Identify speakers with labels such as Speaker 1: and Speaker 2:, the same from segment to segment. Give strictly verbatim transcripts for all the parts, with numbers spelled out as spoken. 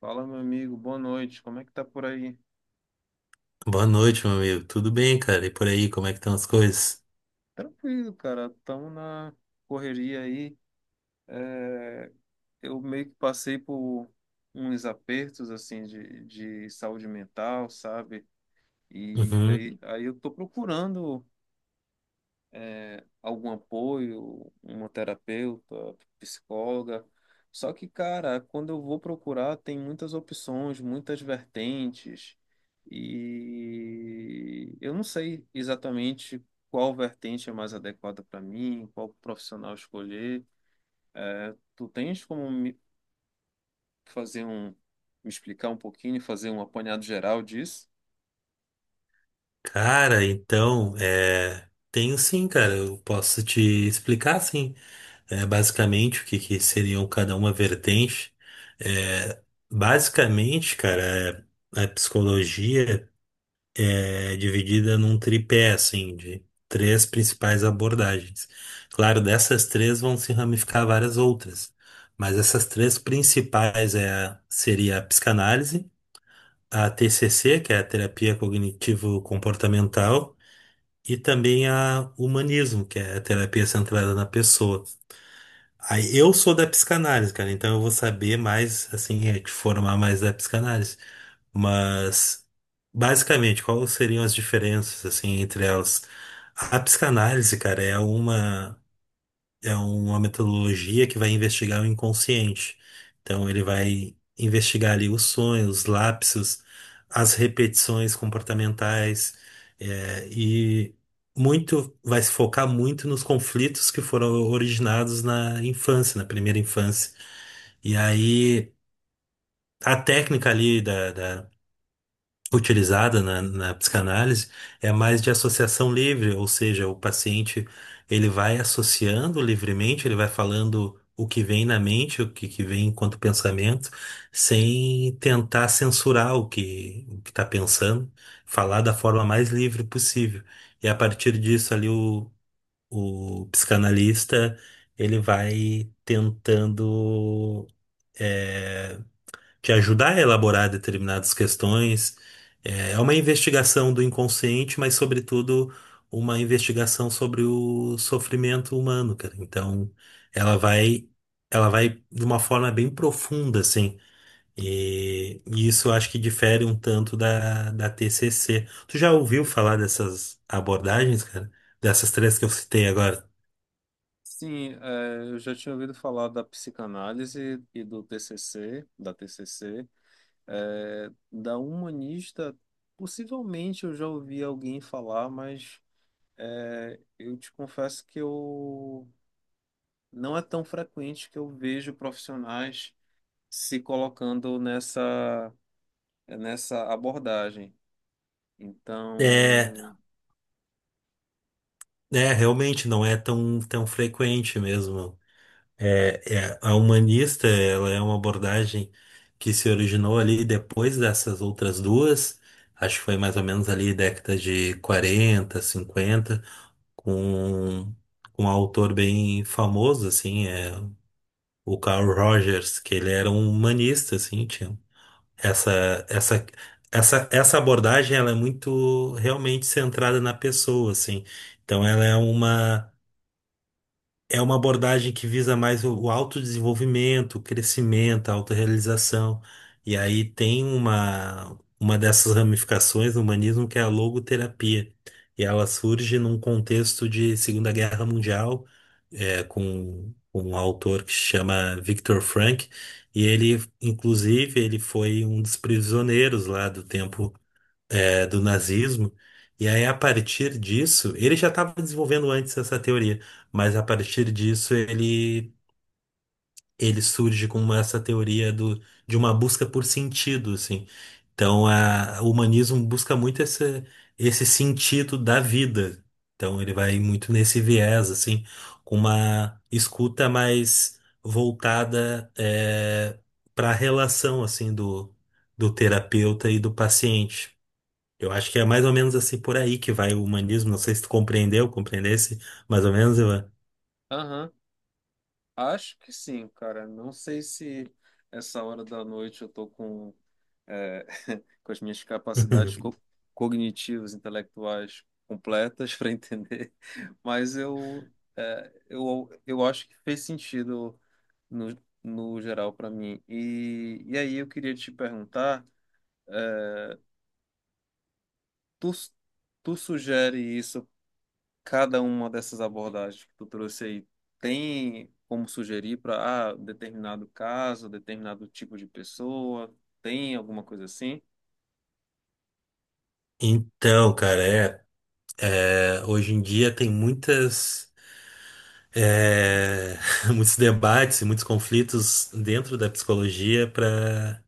Speaker 1: Fala, meu amigo, boa noite. Como é que tá por aí?
Speaker 2: Boa noite, meu amigo. Tudo bem, cara? E por aí, como é que estão as coisas?
Speaker 1: Tranquilo, cara. Tamo na correria aí. Eu meio que passei por uns apertos assim de, de saúde mental, sabe? E
Speaker 2: Uhum.
Speaker 1: aí, aí eu tô procurando algum apoio, uma terapeuta, psicóloga. Só que, cara, quando eu vou procurar, tem muitas opções, muitas vertentes, e eu não sei exatamente qual vertente é mais adequada para mim, qual profissional escolher. Tu tens como me fazer um, me explicar um pouquinho, fazer um apanhado geral disso?
Speaker 2: Cara, então, é... tenho sim, cara. Eu posso te explicar, sim, é, basicamente o que, que seriam cada uma vertente. É, Basicamente, cara, é, a psicologia é dividida num tripé, assim, de três principais abordagens. Claro, dessas três vão se ramificar várias outras, mas essas três principais é, a- seria a psicanálise, a T C C, que é a terapia cognitivo-comportamental, e também a humanismo, que é a terapia centrada na pessoa. Aí eu sou da psicanálise, cara, então eu vou saber mais, assim, é, te formar mais da psicanálise. Mas, basicamente, quais seriam as diferenças, assim, entre elas? A psicanálise, cara, é uma é uma metodologia que vai investigar o inconsciente. Então, ele vai investigar ali os sonhos, os lapsos, as repetições comportamentais, é, e muito vai se focar muito nos conflitos que foram originados na infância, na primeira infância. E aí, a técnica ali da da utilizada na, na psicanálise é mais de associação livre, ou seja, o paciente ele vai associando livremente, ele vai falando o que vem na mente, o que, que vem enquanto pensamento, sem tentar censurar o que o que está pensando, falar da forma mais livre possível. E a partir disso ali o, o psicanalista ele vai tentando eh, que ajudar a elaborar determinadas questões. É é uma investigação do inconsciente, mas, sobretudo, uma investigação sobre o sofrimento humano, cara. Então, ela vai, ela vai de uma forma bem profunda, assim. E, e isso eu acho que difere um tanto da, da T C C. Tu já ouviu falar dessas abordagens, cara? Dessas três que eu citei agora?
Speaker 1: Sim, é, eu já tinha ouvido falar da psicanálise e do T C C, da T C C, é, da humanista, possivelmente eu já ouvi alguém falar, mas é, eu te confesso que eu não é tão frequente que eu vejo profissionais se colocando nessa nessa abordagem.
Speaker 2: É,
Speaker 1: Então,
Speaker 2: é, Realmente não é tão, tão frequente mesmo. É, é, a humanista, ela é uma abordagem que se originou ali depois dessas outras duas, acho que foi mais ou menos ali década de quarenta cinquenta com, com um autor bem famoso, assim, é, o Carl Rogers, que ele era um humanista, assim, tinha essa, essa, essa, essa abordagem, ela é muito realmente centrada na pessoa, assim, então ela é uma é uma abordagem que visa mais o o autodesenvolvimento, o crescimento, a autorrealização. E aí tem uma, uma dessas ramificações no humanismo que é a logoterapia. E ela surge num contexto de Segunda Guerra Mundial, é, com, com um autor que se chama Viktor Frankl. E ele, inclusive, ele foi um dos prisioneiros lá do tempo eh, do nazismo. E aí, a partir disso, ele já estava desenvolvendo antes essa teoria, mas a partir disso ele, ele surge com essa teoria do, de uma busca por sentido, assim. Então, a, o humanismo busca muito esse, esse sentido da vida. Então, ele vai muito nesse viés, assim, com uma escuta mais voltada para a relação, assim, do, do terapeuta e do paciente. Eu acho que é mais ou menos assim por aí que vai o humanismo. Não sei se tu compreendeu, compreendesse, mais ou menos, Ivan.
Speaker 1: aham, acho que sim, cara. Não sei se essa hora da noite eu tô com é, com as minhas capacidades co cognitivas, intelectuais completas para entender, mas eu, é, eu, eu acho que fez sentido no, no geral para mim. E, e aí eu queria te perguntar, tu, tu sugere isso, cada uma dessas abordagens que tu trouxe aí, tem como sugerir para ah, determinado caso, determinado tipo de pessoa, tem alguma coisa assim?
Speaker 2: Então, cara, é, é, hoje em dia tem muitas, é, muitos debates e muitos conflitos dentro da psicologia para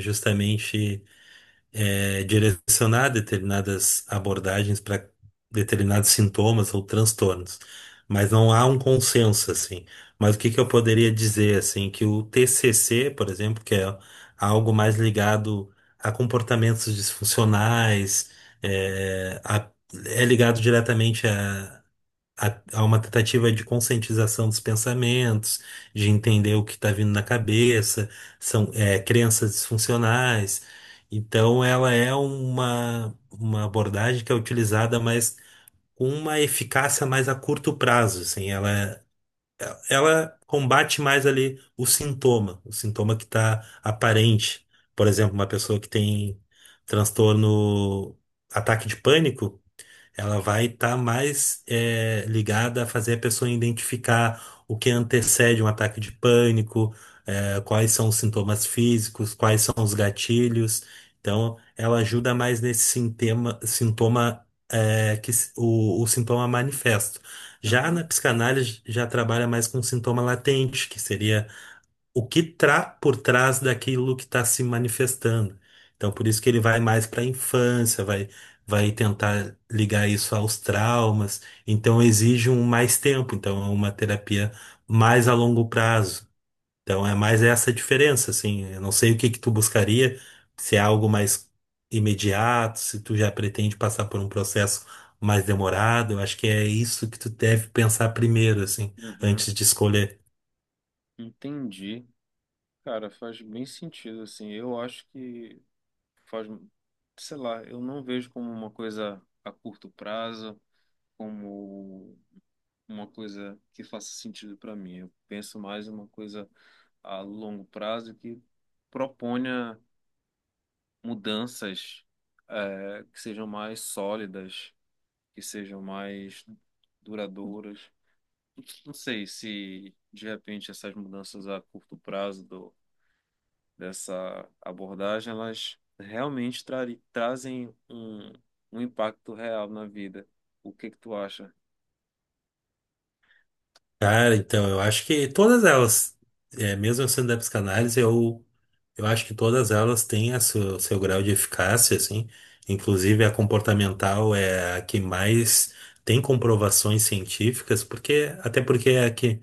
Speaker 2: justamente é, direcionar determinadas abordagens para determinados sintomas ou transtornos, mas não há um consenso assim. Mas o que que eu poderia dizer assim que o T C C, por exemplo, que é algo mais ligado a comportamentos disfuncionais, é, a- é ligado diretamente a a- há uma tentativa de conscientização dos pensamentos, de entender o que está vindo na cabeça, são é, crenças disfuncionais. Então, ela é uma, uma abordagem que é utilizada, mas com uma eficácia mais a curto prazo, assim, ela, ela combate mais ali o sintoma, o sintoma que está aparente. Por exemplo, uma pessoa que tem transtorno, ataque de pânico, ela vai estar mais é, ligada a fazer a pessoa identificar o que antecede um ataque de pânico, é, quais são os sintomas físicos, quais são os gatilhos. Então, ela ajuda mais nesse sintoma, sintoma é, que s- o, o, sintoma manifesto. Já
Speaker 1: Uhum,
Speaker 2: na psicanálise, já trabalha mais com sintoma latente, que seria o que está por trás daquilo que está se manifestando. Então, por isso que ele vai mais para a infância, vai, vai tentar ligar isso aos traumas. Então, exige um mais tempo. Então, é uma terapia mais a longo prazo. Então, é mais essa diferença, assim. Eu não sei o que que tu buscaria, se é algo mais imediato, se tu já pretende passar por um processo mais demorado. Eu acho que é isso que tu deve pensar primeiro, assim,
Speaker 1: uhum,
Speaker 2: antes de escolher.
Speaker 1: entendi. Cara, faz bem sentido, assim. Eu acho que faz, sei lá, eu não vejo como uma coisa a curto prazo, como uma coisa que faça sentido para mim. Eu penso mais em uma coisa a longo prazo que proponha mudanças, eh, que sejam mais sólidas, que sejam mais duradouras. Não sei se de repente essas mudanças a curto prazo dessa abordagem, elas realmente trari- trazem um, um impacto real na vida. O que que tu acha?
Speaker 2: Cara, então, eu acho que todas elas, é, mesmo eu sendo da psicanálise, eu, eu acho que todas elas têm a seu, seu grau de eficácia, assim. Inclusive a comportamental é a que mais tem comprovações científicas, porque até porque é a que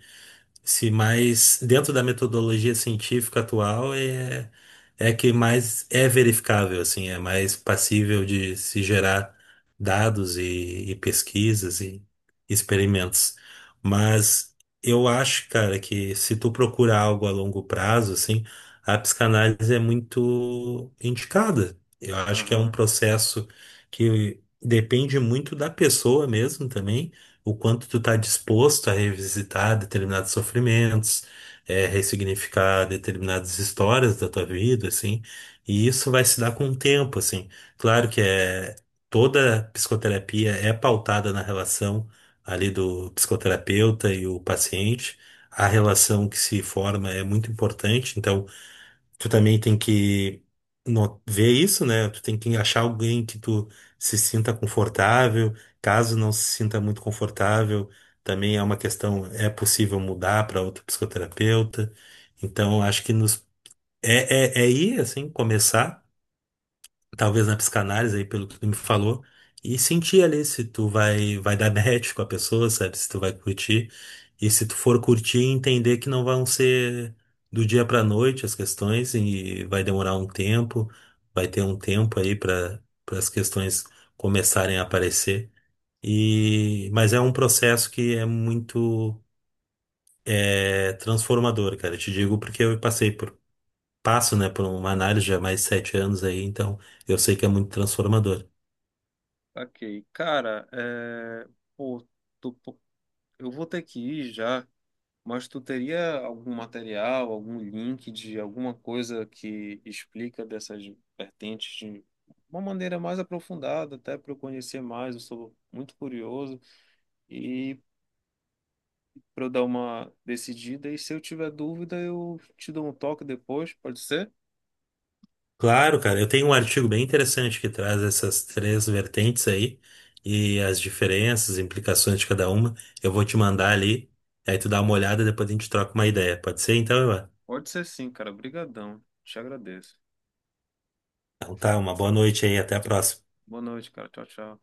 Speaker 2: se mais dentro da metodologia científica atual é é a que mais é verificável assim, é mais passível de se gerar dados e, e pesquisas e experimentos. Mas eu acho, cara, que se tu procura algo a longo prazo, assim, a psicanálise é muito indicada. Eu acho que é um
Speaker 1: Aham.
Speaker 2: processo que depende muito da pessoa mesmo também o quanto tu tá disposto a revisitar determinados sofrimentos, é, ressignificar determinadas histórias da tua vida, assim, e isso vai se dar com o tempo, assim. Claro que é, toda psicoterapia é pautada na relação ali do psicoterapeuta e o paciente, a relação que se forma é muito importante, então tu também tem que no- ver isso, né? Tu tem que achar alguém que tu se sinta confortável. Caso não se sinta muito confortável, também é uma questão, é possível mudar para outro psicoterapeuta. Então, acho que nos é, é, é ir assim, começar talvez na psicanálise aí, pelo que tu me falou, e sentir ali se tu vai, vai dar match com a pessoa, sabe? Se tu vai curtir. E se tu for curtir, entender que não vão ser do dia pra noite as questões e vai demorar um tempo, vai ter um tempo aí para para as questões começarem a aparecer. E mas é um processo que é muito é, transformador, cara. Eu te digo porque eu passei por passo, né, por uma análise já há mais de sete anos aí, então eu sei que é muito transformador.
Speaker 1: Ok. Cara, é... pô, tu- pô, eu vou ter que ir já, mas tu teria algum material, algum link de alguma coisa que explica dessas vertentes de uma maneira mais aprofundada, até para eu conhecer mais, eu sou muito curioso. E para eu dar uma decidida. E se eu tiver dúvida, eu te dou um toque depois, pode ser?
Speaker 2: Claro, cara, eu tenho um artigo bem interessante que traz essas três vertentes aí e as diferenças, implicações de cada uma. Eu vou te mandar ali, aí tu dá uma olhada e depois a gente troca uma ideia. Pode ser? Então, Ivan?
Speaker 1: Pode ser sim, cara. Obrigadão. Te agradeço.
Speaker 2: Então tá, uma boa noite aí, até a próxima.
Speaker 1: Boa noite, cara. Tchau, tchau.